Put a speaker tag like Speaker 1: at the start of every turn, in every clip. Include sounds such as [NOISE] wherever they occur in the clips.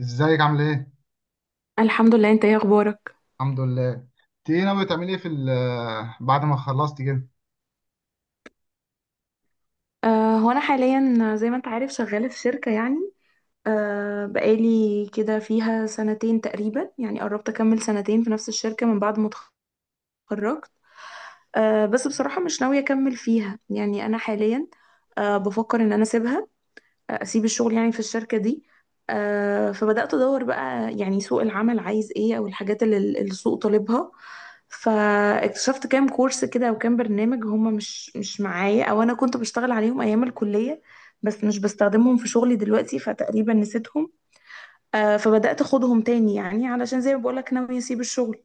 Speaker 1: ازيك عامل ايه؟
Speaker 2: الحمد لله. انت ايه اخبارك؟
Speaker 1: الحمد لله، انت ايه ناوي تعملي ايه في بعد ما خلصتي كده؟
Speaker 2: هو انا حاليا زي ما انت عارف شغاله في شركه يعني. بقالي كده فيها سنتين تقريبا، يعني قربت اكمل سنتين في نفس الشركه من بعد ما اتخرجت. بس بصراحه مش ناويه اكمل فيها. يعني انا حاليا بفكر ان انا اسيبها، اسيب الشغل يعني في الشركه دي. فبدات ادور بقى يعني سوق العمل عايز ايه، او الحاجات اللي السوق طالبها. فاكتشفت كام كورس كده وكام برنامج هما مش معايا، او انا كنت بشتغل عليهم ايام الكلية بس مش بستخدمهم في شغلي دلوقتي، فتقريبا نسيتهم. آه، فبدأت اخدهم تاني يعني، علشان زي ما بقولك ناوية اسيب الشغل.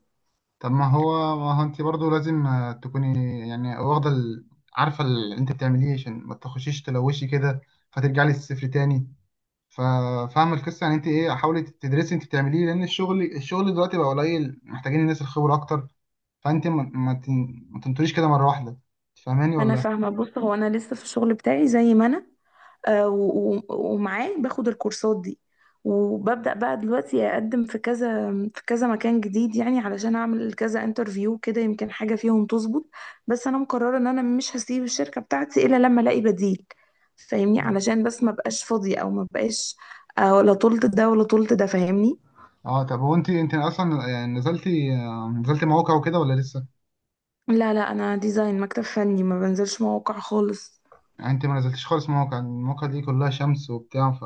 Speaker 1: طب ما هو انت برضو لازم تكوني يعني واخدة عارفة اللي انت بتعمليه عشان ما تخشيش تلوشي كده فترجعي للصفر تاني. ففاهم القصة، يعني انت ايه، حاولي تدرسي انت بتعمليه، لان الشغل دلوقتي بقى قليل، محتاجين الناس الخبرة اكتر. فانت ما تنطريش كده مرة واحدة. فاهماني
Speaker 2: انا
Speaker 1: ولا؟
Speaker 2: فاهمة. بص، هو انا لسه في الشغل بتاعي زي ما انا، آه، و- و- ومعاه باخد الكورسات دي، وببدأ بقى دلوقتي أقدم في كذا في كذا مكان جديد، يعني علشان أعمل كذا انترفيو كده، يمكن حاجة فيهم تظبط. بس أنا مقررة إن أنا مش هسيب الشركة بتاعتي إلا لما ألاقي بديل، فاهمني؟ علشان بس ما بقاش فاضية، أو ما بقاش ولا طولت ده ولا طولت ده، فاهمني؟
Speaker 1: اه طب هو انت اصلا، يعني نزلتي مواقع وكده ولا لسه؟
Speaker 2: لا لا، أنا ديزاين مكتب فني، ما بنزلش مواقع خالص.
Speaker 1: يعني انت ما نزلتش خالص مواقع، المواقع دي كلها شمس وبتاع، ف...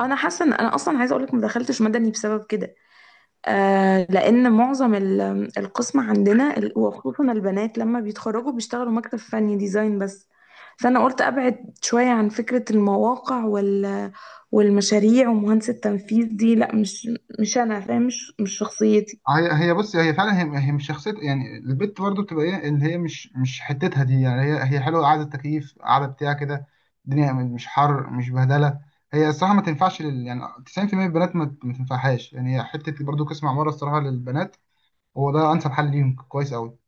Speaker 2: أنا حاسة إن أنا أصلا، عايزة أقولك، ما دخلتش مدني بسبب كده. آه، لأن معظم القسم عندنا وخصوصا البنات لما بيتخرجوا بيشتغلوا مكتب فني ديزاين بس. فأنا قلت أبعد شوية عن فكرة المواقع وال والمشاريع ومهندس التنفيذ دي. لا، مش أنا فاهم، مش شخصيتي.
Speaker 1: هي هي بص هي فعلا هي, هي مش شخصيه، يعني البت برضو بتبقى ايه اللي هي مش حتتها دي. يعني هي حلوه، قاعده تكييف قاعده بتاع كده، الدنيا مش حر مش بهدله. هي الصراحه ما تنفعش لل... يعني 90% من البنات ما تنفعهاش. يعني هي حته برضو قسم عماره، الصراحه للبنات هو ده انسب حل ليهم، كويس قوي.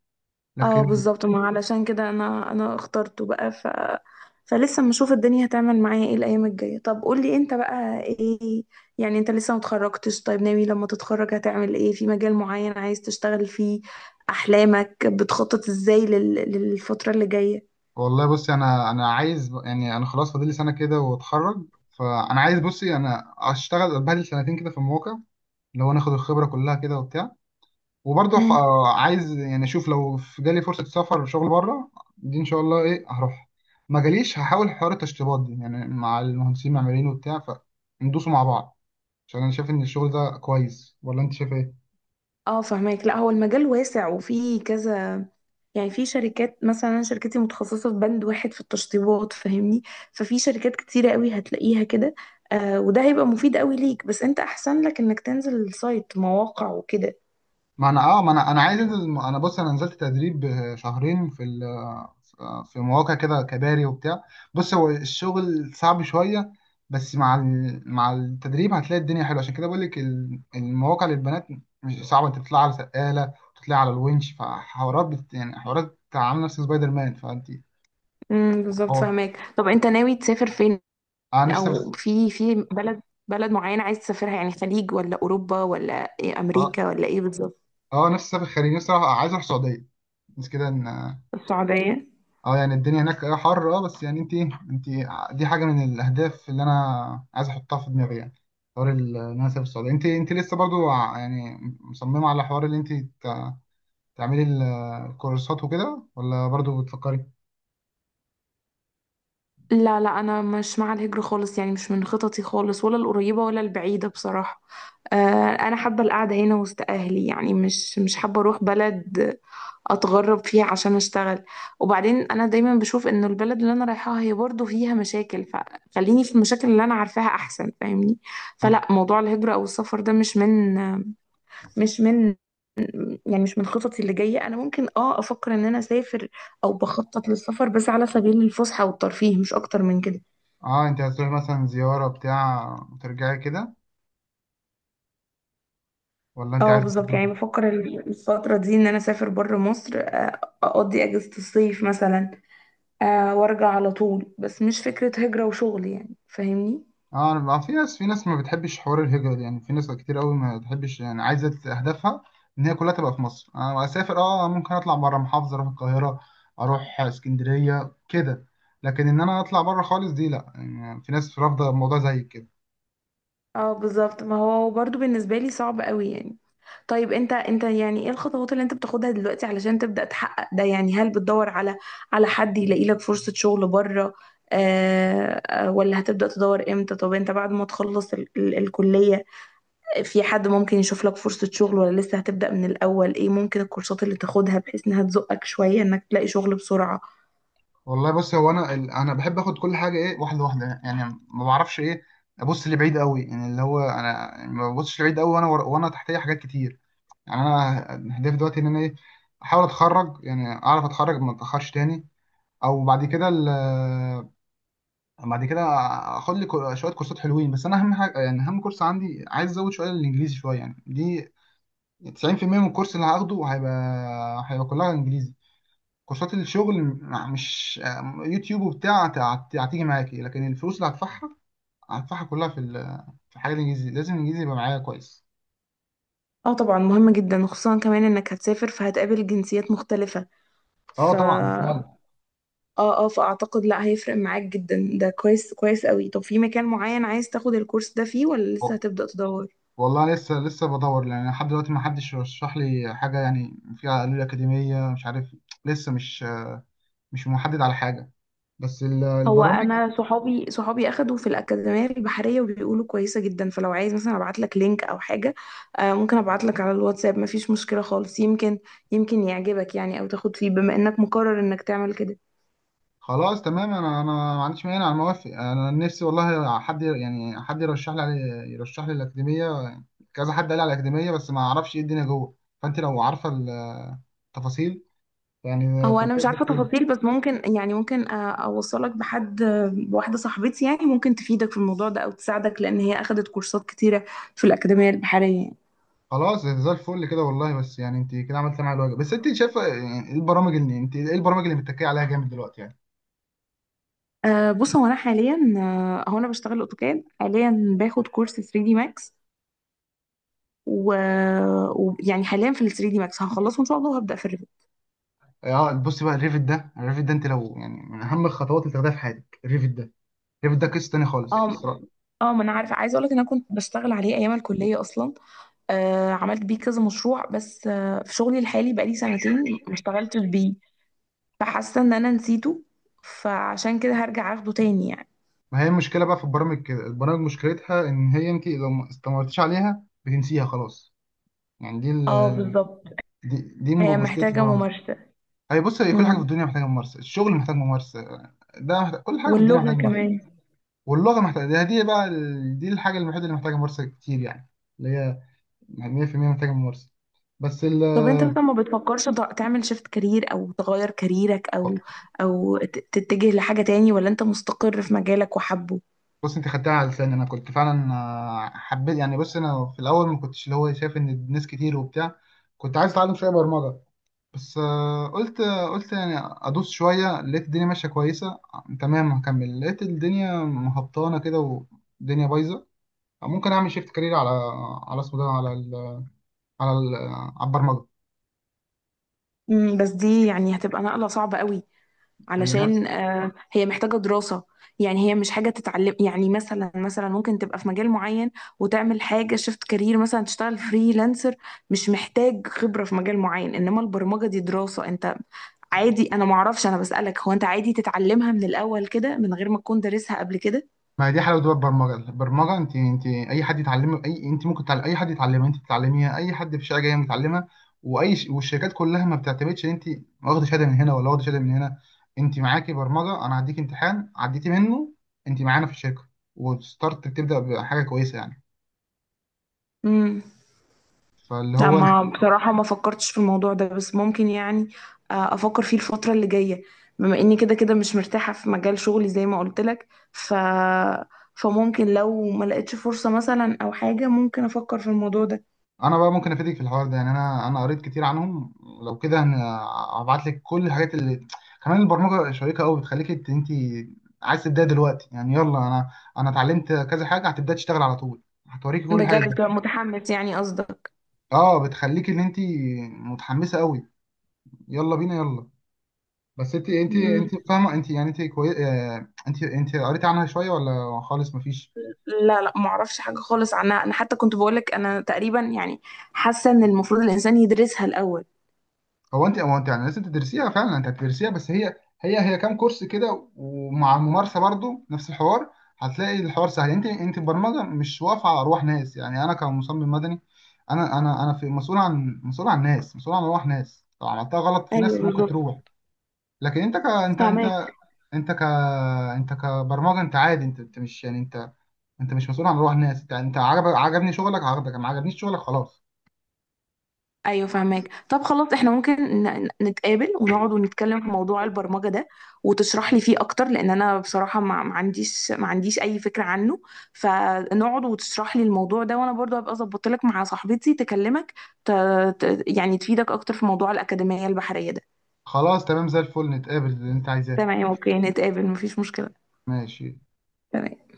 Speaker 2: اه
Speaker 1: لكن...
Speaker 2: بالظبط، ما علشان كده انا اخترته بقى. ف فلسه بنشوف الدنيا هتعمل معايا ايه الايام الجايه. طب قولي انت بقى ايه، يعني انت لسه متخرجتش، طيب ناوي لما تتخرج هتعمل ايه؟ في مجال معين عايز تشتغل فيه؟ احلامك بتخطط ازاي لل... للفتره اللي جايه؟
Speaker 1: والله بصي، انا عايز، يعني انا خلاص فاضل لي سنه كده واتخرج. فانا عايز، بصي انا اشتغل بهدل سنتين كده في المواقع، لو ناخد الخبرة كلها كده وبتاع. وبرضه
Speaker 2: امم.
Speaker 1: عايز يعني اشوف لو في جالي فرصة سفر وشغل بره دي، ان شاء الله ايه هروح. ما جاليش هحاول حوار التشطيبات دي يعني مع المهندسين المعماريين وبتاع، فندوسوا مع بعض. عشان انا شايف ان الشغل ده كويس، ولا انت شايف ايه؟
Speaker 2: اه فهماك. لا، هو المجال واسع وفيه كذا، يعني في شركات مثلا أنا شركتي متخصصة في بند واحد في التشطيبات، فاهمني؟ ففي شركات كتيرة قوي هتلاقيها كده. آه وده هيبقى مفيد قوي ليك، بس انت احسن لك انك تنزل السايت، مواقع وكده.
Speaker 1: ما انا عايز انزل. انا بص، انا نزلت تدريب شهرين في في مواقع كده، كباري وبتاع. بص هو الشغل صعب شويه، بس مع مع التدريب هتلاقي الدنيا حلوه. عشان كده بقول لك المواقع للبنات مش صعبه، انت بتطلع على سقاله وتطلع على الونش، فحوارات بت يعني حوارات عامله نفس سبايدر مان، فانت...
Speaker 2: بالظبط،
Speaker 1: اه
Speaker 2: فاهماك. طب انت ناوي تسافر فين؟
Speaker 1: انا نفسي
Speaker 2: او
Speaker 1: أسافر.
Speaker 2: في في بلد، بلد معينة عايز تسافرها، يعني خليج ولا اوروبا ولا إيه،
Speaker 1: اه،
Speaker 2: امريكا ولا ايه بالظبط؟
Speaker 1: نفسي اسافر خارج. نفسي أروح، عايز اروح السعوديه، بس كده. ان
Speaker 2: السعودية؟
Speaker 1: اه يعني الدنيا هناك اه حر اه، بس يعني انت، انت، دي حاجه من الاهداف اللي انا عايز احطها في دماغي. يعني حوار ان انا اسافر السعوديه. انت لسه برضو ع- يعني مصممه على حوار اللي انت تعملي الكورسات وكده ولا برضو بتفكري؟
Speaker 2: لا لا، انا مش مع الهجرة خالص، يعني مش من خططي خالص، ولا القريبة ولا البعيدة بصراحة. آه، انا حابة القعدة هنا وسط اهلي، يعني مش مش حابة اروح بلد اتغرب فيها عشان اشتغل. وبعدين انا دايما بشوف ان البلد اللي انا رايحاها هي برضو فيها مشاكل، فخليني في المشاكل اللي انا عارفاها احسن، فاهمني؟ فلا، موضوع الهجرة او السفر ده مش من مش من يعني مش من خططي اللي جاية. أنا ممكن اه أفكر إن أنا أسافر أو بخطط للسفر، بس على سبيل الفسحة والترفيه، مش أكتر من كده.
Speaker 1: اه انت هتروحي مثلا زياره بتاع وترجعي كده ولا انت
Speaker 2: اه
Speaker 1: عايز...
Speaker 2: بالظبط، يعني بفكر الفترة دي إن أنا أسافر بره مصر، آه، أقضي أجازة الصيف مثلا، آه، وأرجع على طول. بس مش فكرة هجرة وشغل، يعني فاهمني.
Speaker 1: اه، أنا بقى في ناس، ما بتحبش حوار الهجرة. يعني في ناس كتير قوي ما بتحبش، يعني عايزة أهدافها إن هي كلها تبقى في مصر. أنا أسافر، اه، ممكن أطلع بره محافظة، أروح القاهرة، أروح اسكندرية كده، لكن إن أنا أطلع بره خالص دي لأ. يعني في ناس رافضة الموضوع زي كده.
Speaker 2: اه بالظبط، ما هو برضو بالنسبة لي صعب قوي يعني. طيب انت، يعني ايه الخطوات اللي انت بتاخدها دلوقتي علشان تبدأ تحقق ده؟ يعني هل بتدور على، على حد يلاقي لك فرصة شغل بره؟ ولا هتبدأ تدور امتى؟ طب انت بعد ما تخلص ال ال الكلية، في حد ممكن يشوف لك فرصة شغل، ولا لسه هتبدأ من الأول؟ ايه ممكن الكورسات اللي تاخدها بحيث انها تزقك شوية انك تلاقي شغل بسرعة؟
Speaker 1: والله بص، هو أنا أنا بحب آخد كل حاجة إيه، واحدة واحدة، يعني ما بعرفش إيه أبص لبعيد قوي. يعني اللي هو أنا، يعني ما ببصش لبعيد قوي وأنا وأنا تحتية حاجات كتير. يعني أنا هدفي دلوقتي إن أنا إيه، أحاول أتخرج، يعني أعرف أتخرج ما أتأخرش تاني. او بعد كده بعد كده اخد لي شويه كورسات حلوين. بس انا اهم حاجه، يعني اهم كورس عندي، عايز ازود شويه الانجليزي شويه، يعني دي 90% من الكورس اللي هاخده هيبقى، كلها انجليزي. كورسات الشغل مش، يوتيوب وبتاع هتيجي معاكي، لكن الفلوس اللي هدفعها، كلها في في الحاجات الانجليزي. لازم الانجليزي يبقى معايا كويس.
Speaker 2: اه طبعا مهم جدا، وخصوصا كمان انك هتسافر، فهتقابل جنسيات مختلفة.
Speaker 1: اه
Speaker 2: ف
Speaker 1: طبعا فعلا.
Speaker 2: اه فاعتقد، لا هيفرق معاك جدا ده. كويس، كويس قوي. طب في مكان معين عايز تاخد الكورس ده فيه، ولا لسه هتبدأ تدور؟
Speaker 1: والله لسه، بدور لان لحد دلوقتي ما حدش رشح لي حاجه. يعني فيها قالوا لي اكاديميه، مش عارف، لسه مش، مش محدد على حاجه، بس
Speaker 2: هو
Speaker 1: البرامج...
Speaker 2: انا صحابي اخدوا في الاكاديميه البحريه وبيقولوا كويسه جدا، فلو عايز مثلا ابعت لك لينك او حاجه، آه، ممكن ابعت لك على الواتساب، مفيش مشكله خالص. يمكن، يمكن يعجبك يعني، او تاخد فيه، بما انك مقرر انك تعمل كده.
Speaker 1: خلاص تمام، انا ما عنديش مانع، انا موافق، انا نفسي والله حد، يعني حد يرشح لي يرشح لي الاكاديميه. كذا حد قال لي على الاكاديميه، بس ما اعرفش ايه الدنيا جوه. فانت لو عارفه التفاصيل، يعني
Speaker 2: هو
Speaker 1: تبقى
Speaker 2: انا مش
Speaker 1: زي
Speaker 2: عارفه
Speaker 1: الفل.
Speaker 2: تفاصيل، بس ممكن يعني ممكن، آه، اوصلك بحد، آه، بواحده صاحبتي، يعني ممكن تفيدك في الموضوع ده او تساعدك، لان هي اخدت كورسات كتيره في الاكاديميه البحريه يعني.
Speaker 1: خلاص زي الفل كده، والله بس يعني انت كده عملت معايا الواجب. بس انت شايفه يعني ايه البرامج اللي انت، ايه البرامج اللي متكيه عليها جامد دلوقتي يعني؟
Speaker 2: بص، هو انا حاليا، آه، هو انا بشتغل اوتوكاد، حاليا باخد كورس 3 دي ماكس. ويعني حاليا في ال 3 دي ماكس، هخلصه ان شاء الله وهبدا في الريفيجن.
Speaker 1: اه بص بقى، الريفت ده، الريفت ده انت لو يعني من اهم الخطوات اللي تاخدها في حياتك الريفت ده. الريفت ده قصه تانيه خالص.
Speaker 2: اه اه، ما انا عارفه، عايزه اقول لك ان انا كنت بشتغل عليه ايام الكليه اصلا. أه عملت بيه كذا مشروع، بس أه في شغلي الحالي بقالي
Speaker 1: بقالي
Speaker 2: سنتين
Speaker 1: سنتين.
Speaker 2: ما اشتغلتش بيه، فحاسه ان انا نسيته، فعشان كده هرجع اخده تاني يعني.
Speaker 1: ما هي المشكله بقى في البرامج كده، البرامج مشكلتها ان هي انت لو ما استمرتيش عليها بتنسيها خلاص. يعني دي ال...
Speaker 2: اه بالظبط،
Speaker 1: دي, دي
Speaker 2: هي
Speaker 1: مشكله
Speaker 2: محتاجه
Speaker 1: البرامج.
Speaker 2: ممارسه.
Speaker 1: هي بص، هي كل حاجه في
Speaker 2: امم.
Speaker 1: الدنيا محتاجه ممارسه، الشغل محتاج ممارسه، ده محتاج... كل حاجه في الدنيا
Speaker 2: واللغه
Speaker 1: محتاجه ممارسه.
Speaker 2: كمان.
Speaker 1: واللغه محتاجه، ده دي بقى ال... دي الحاجه الوحيده اللي محتاجه ممارسه كتير، يعني اللي هي 100% محتاجه ممارسه. بس ال...
Speaker 2: طب انت مثلا ما بتفكرش تعمل شيفت كارير، او تغير كاريرك، او تتجه لحاجة تاني، ولا انت مستقر في مجالك وحبه؟
Speaker 1: بص انت خدتها على لساني، انا كنت فعلا حبيت يعني، بص انا في الاول ما كنتش اللي هو شايف ان الناس كتير وبتاع. كنت عايز اتعلم شويه برمجه، بس قلت، يعني ادوس شويه. لقيت الدنيا ماشيه كويسه تمام، هكمل، لقيت الدنيا مهبطانه كده والدنيا بايظه، ممكن اعمل شيفت كارير على، على اسمه ده، على ال، على ال، على البرمجه.
Speaker 2: امم. بس دي يعني هتبقى نقلة صعبة قوي،
Speaker 1: هي نفس...
Speaker 2: علشان آه هي محتاجة دراسة. يعني هي مش حاجة تتعلم يعني، مثلا مثلا ممكن تبقى في مجال معين وتعمل حاجة شيفت كارير، مثلا تشتغل فريلانسر، مش محتاج خبرة في مجال معين. انما البرمجة دي دراسة. انت عادي؟ انا معرفش، انا بسألك، هو انت عادي تتعلمها من الاول كده من غير ما تكون دارسها قبل كده؟
Speaker 1: ما هي دي حلاوه بقى البرمجه. انت اي حد يتعلم اي، انت ممكن تعلم اي حد يتعلمها. انت بتتعلميها، اي حد في الشارع جاي متعلمها. واي ش... والشركات كلها ما بتعتمدش ان انت واخده شهاده من هنا ولا واخده شهاده من هنا. انت معاكي برمجه، انا هديك امتحان عديتي منه انت معانا في الشركه، وستارت بتبدا بحاجه كويسه يعني.
Speaker 2: امم.
Speaker 1: فاللي
Speaker 2: لا،
Speaker 1: هو،
Speaker 2: ما بصراحة ما فكرتش في الموضوع ده، بس ممكن يعني، آه، أفكر فيه الفترة اللي جاية، بما إني كده كده مش مرتاحة في مجال شغلي زي ما قلت لك. ف... فممكن لو ما لقيتش فرصة مثلا أو حاجة، ممكن أفكر في الموضوع ده.
Speaker 1: انا بقى ممكن افيدك في الحوار ده، يعني انا قريت كتير عنهم. لو كده هبعت لك كل الحاجات اللي [TSK] كمان. البرمجه شيقه قوي، بتخليك انت عايز تبداي دلوقتي، يعني يلا، انا، انا اتعلمت كذا حاجه، هتبداي تشتغل على طول، هتوريكي كل الحاجات
Speaker 2: بجد
Speaker 1: دي.
Speaker 2: بتبقى متحمس يعني، قصدك؟
Speaker 1: [LAUGHS] اه، بتخليك ان انت متحمسه قوي، يلا بينا يلا. بس انت
Speaker 2: مم.
Speaker 1: فاهمه، انت يعني انت كوي... انت قريت عنها شويه ولا خالص مفيش؟
Speaker 2: لا لا، ما اعرفش حاجة خالص عنها. أنا حتى كنت بقولك أنا تقريبا يعني حاسة إن المفروض الإنسان يدرسها الأول.
Speaker 1: هو انت يعني لازم تدرسيها، فعلا انت هتدرسيها، بس هي هي كام كورس كده ومع الممارسه برضو نفس الحوار، هتلاقي الحوار سهل. انت البرمجه مش واقفه على ارواح ناس يعني. انا كمصمم مدني، انا في مسؤول عن، مسؤول عن ناس، مسؤول عن ارواح ناس، لو عملتها غلط في
Speaker 2: ايوه
Speaker 1: ناس ممكن
Speaker 2: بالظبط،
Speaker 1: تروح. لكن انت ك، انت
Speaker 2: فاهمك.
Speaker 1: انت انت ك، انت كبرمجه انت عادي، انت مش يعني انت، انت مش مسؤول عن ارواح ناس. انت عجب عجبني شغلك عجبك، ما عجبنيش شغلك خلاص.
Speaker 2: ايوه فاهمك. طب خلاص احنا ممكن نتقابل ونقعد ونتكلم في موضوع البرمجه ده، وتشرح لي فيه اكتر، لان انا بصراحه ما عنديش، ما عنديش اي فكره عنه. فنقعد وتشرح لي الموضوع ده، وانا برضو هبقى ظبطت لك مع صاحبتي تكلمك، ت... يعني تفيدك اكتر في موضوع الاكاديميه البحريه ده.
Speaker 1: خلاص تمام زي الفل، نتقابل اللي انت عايزاه.
Speaker 2: تمام. اوكي، نتقابل مفيش مشكله.
Speaker 1: ماشي.
Speaker 2: تمام.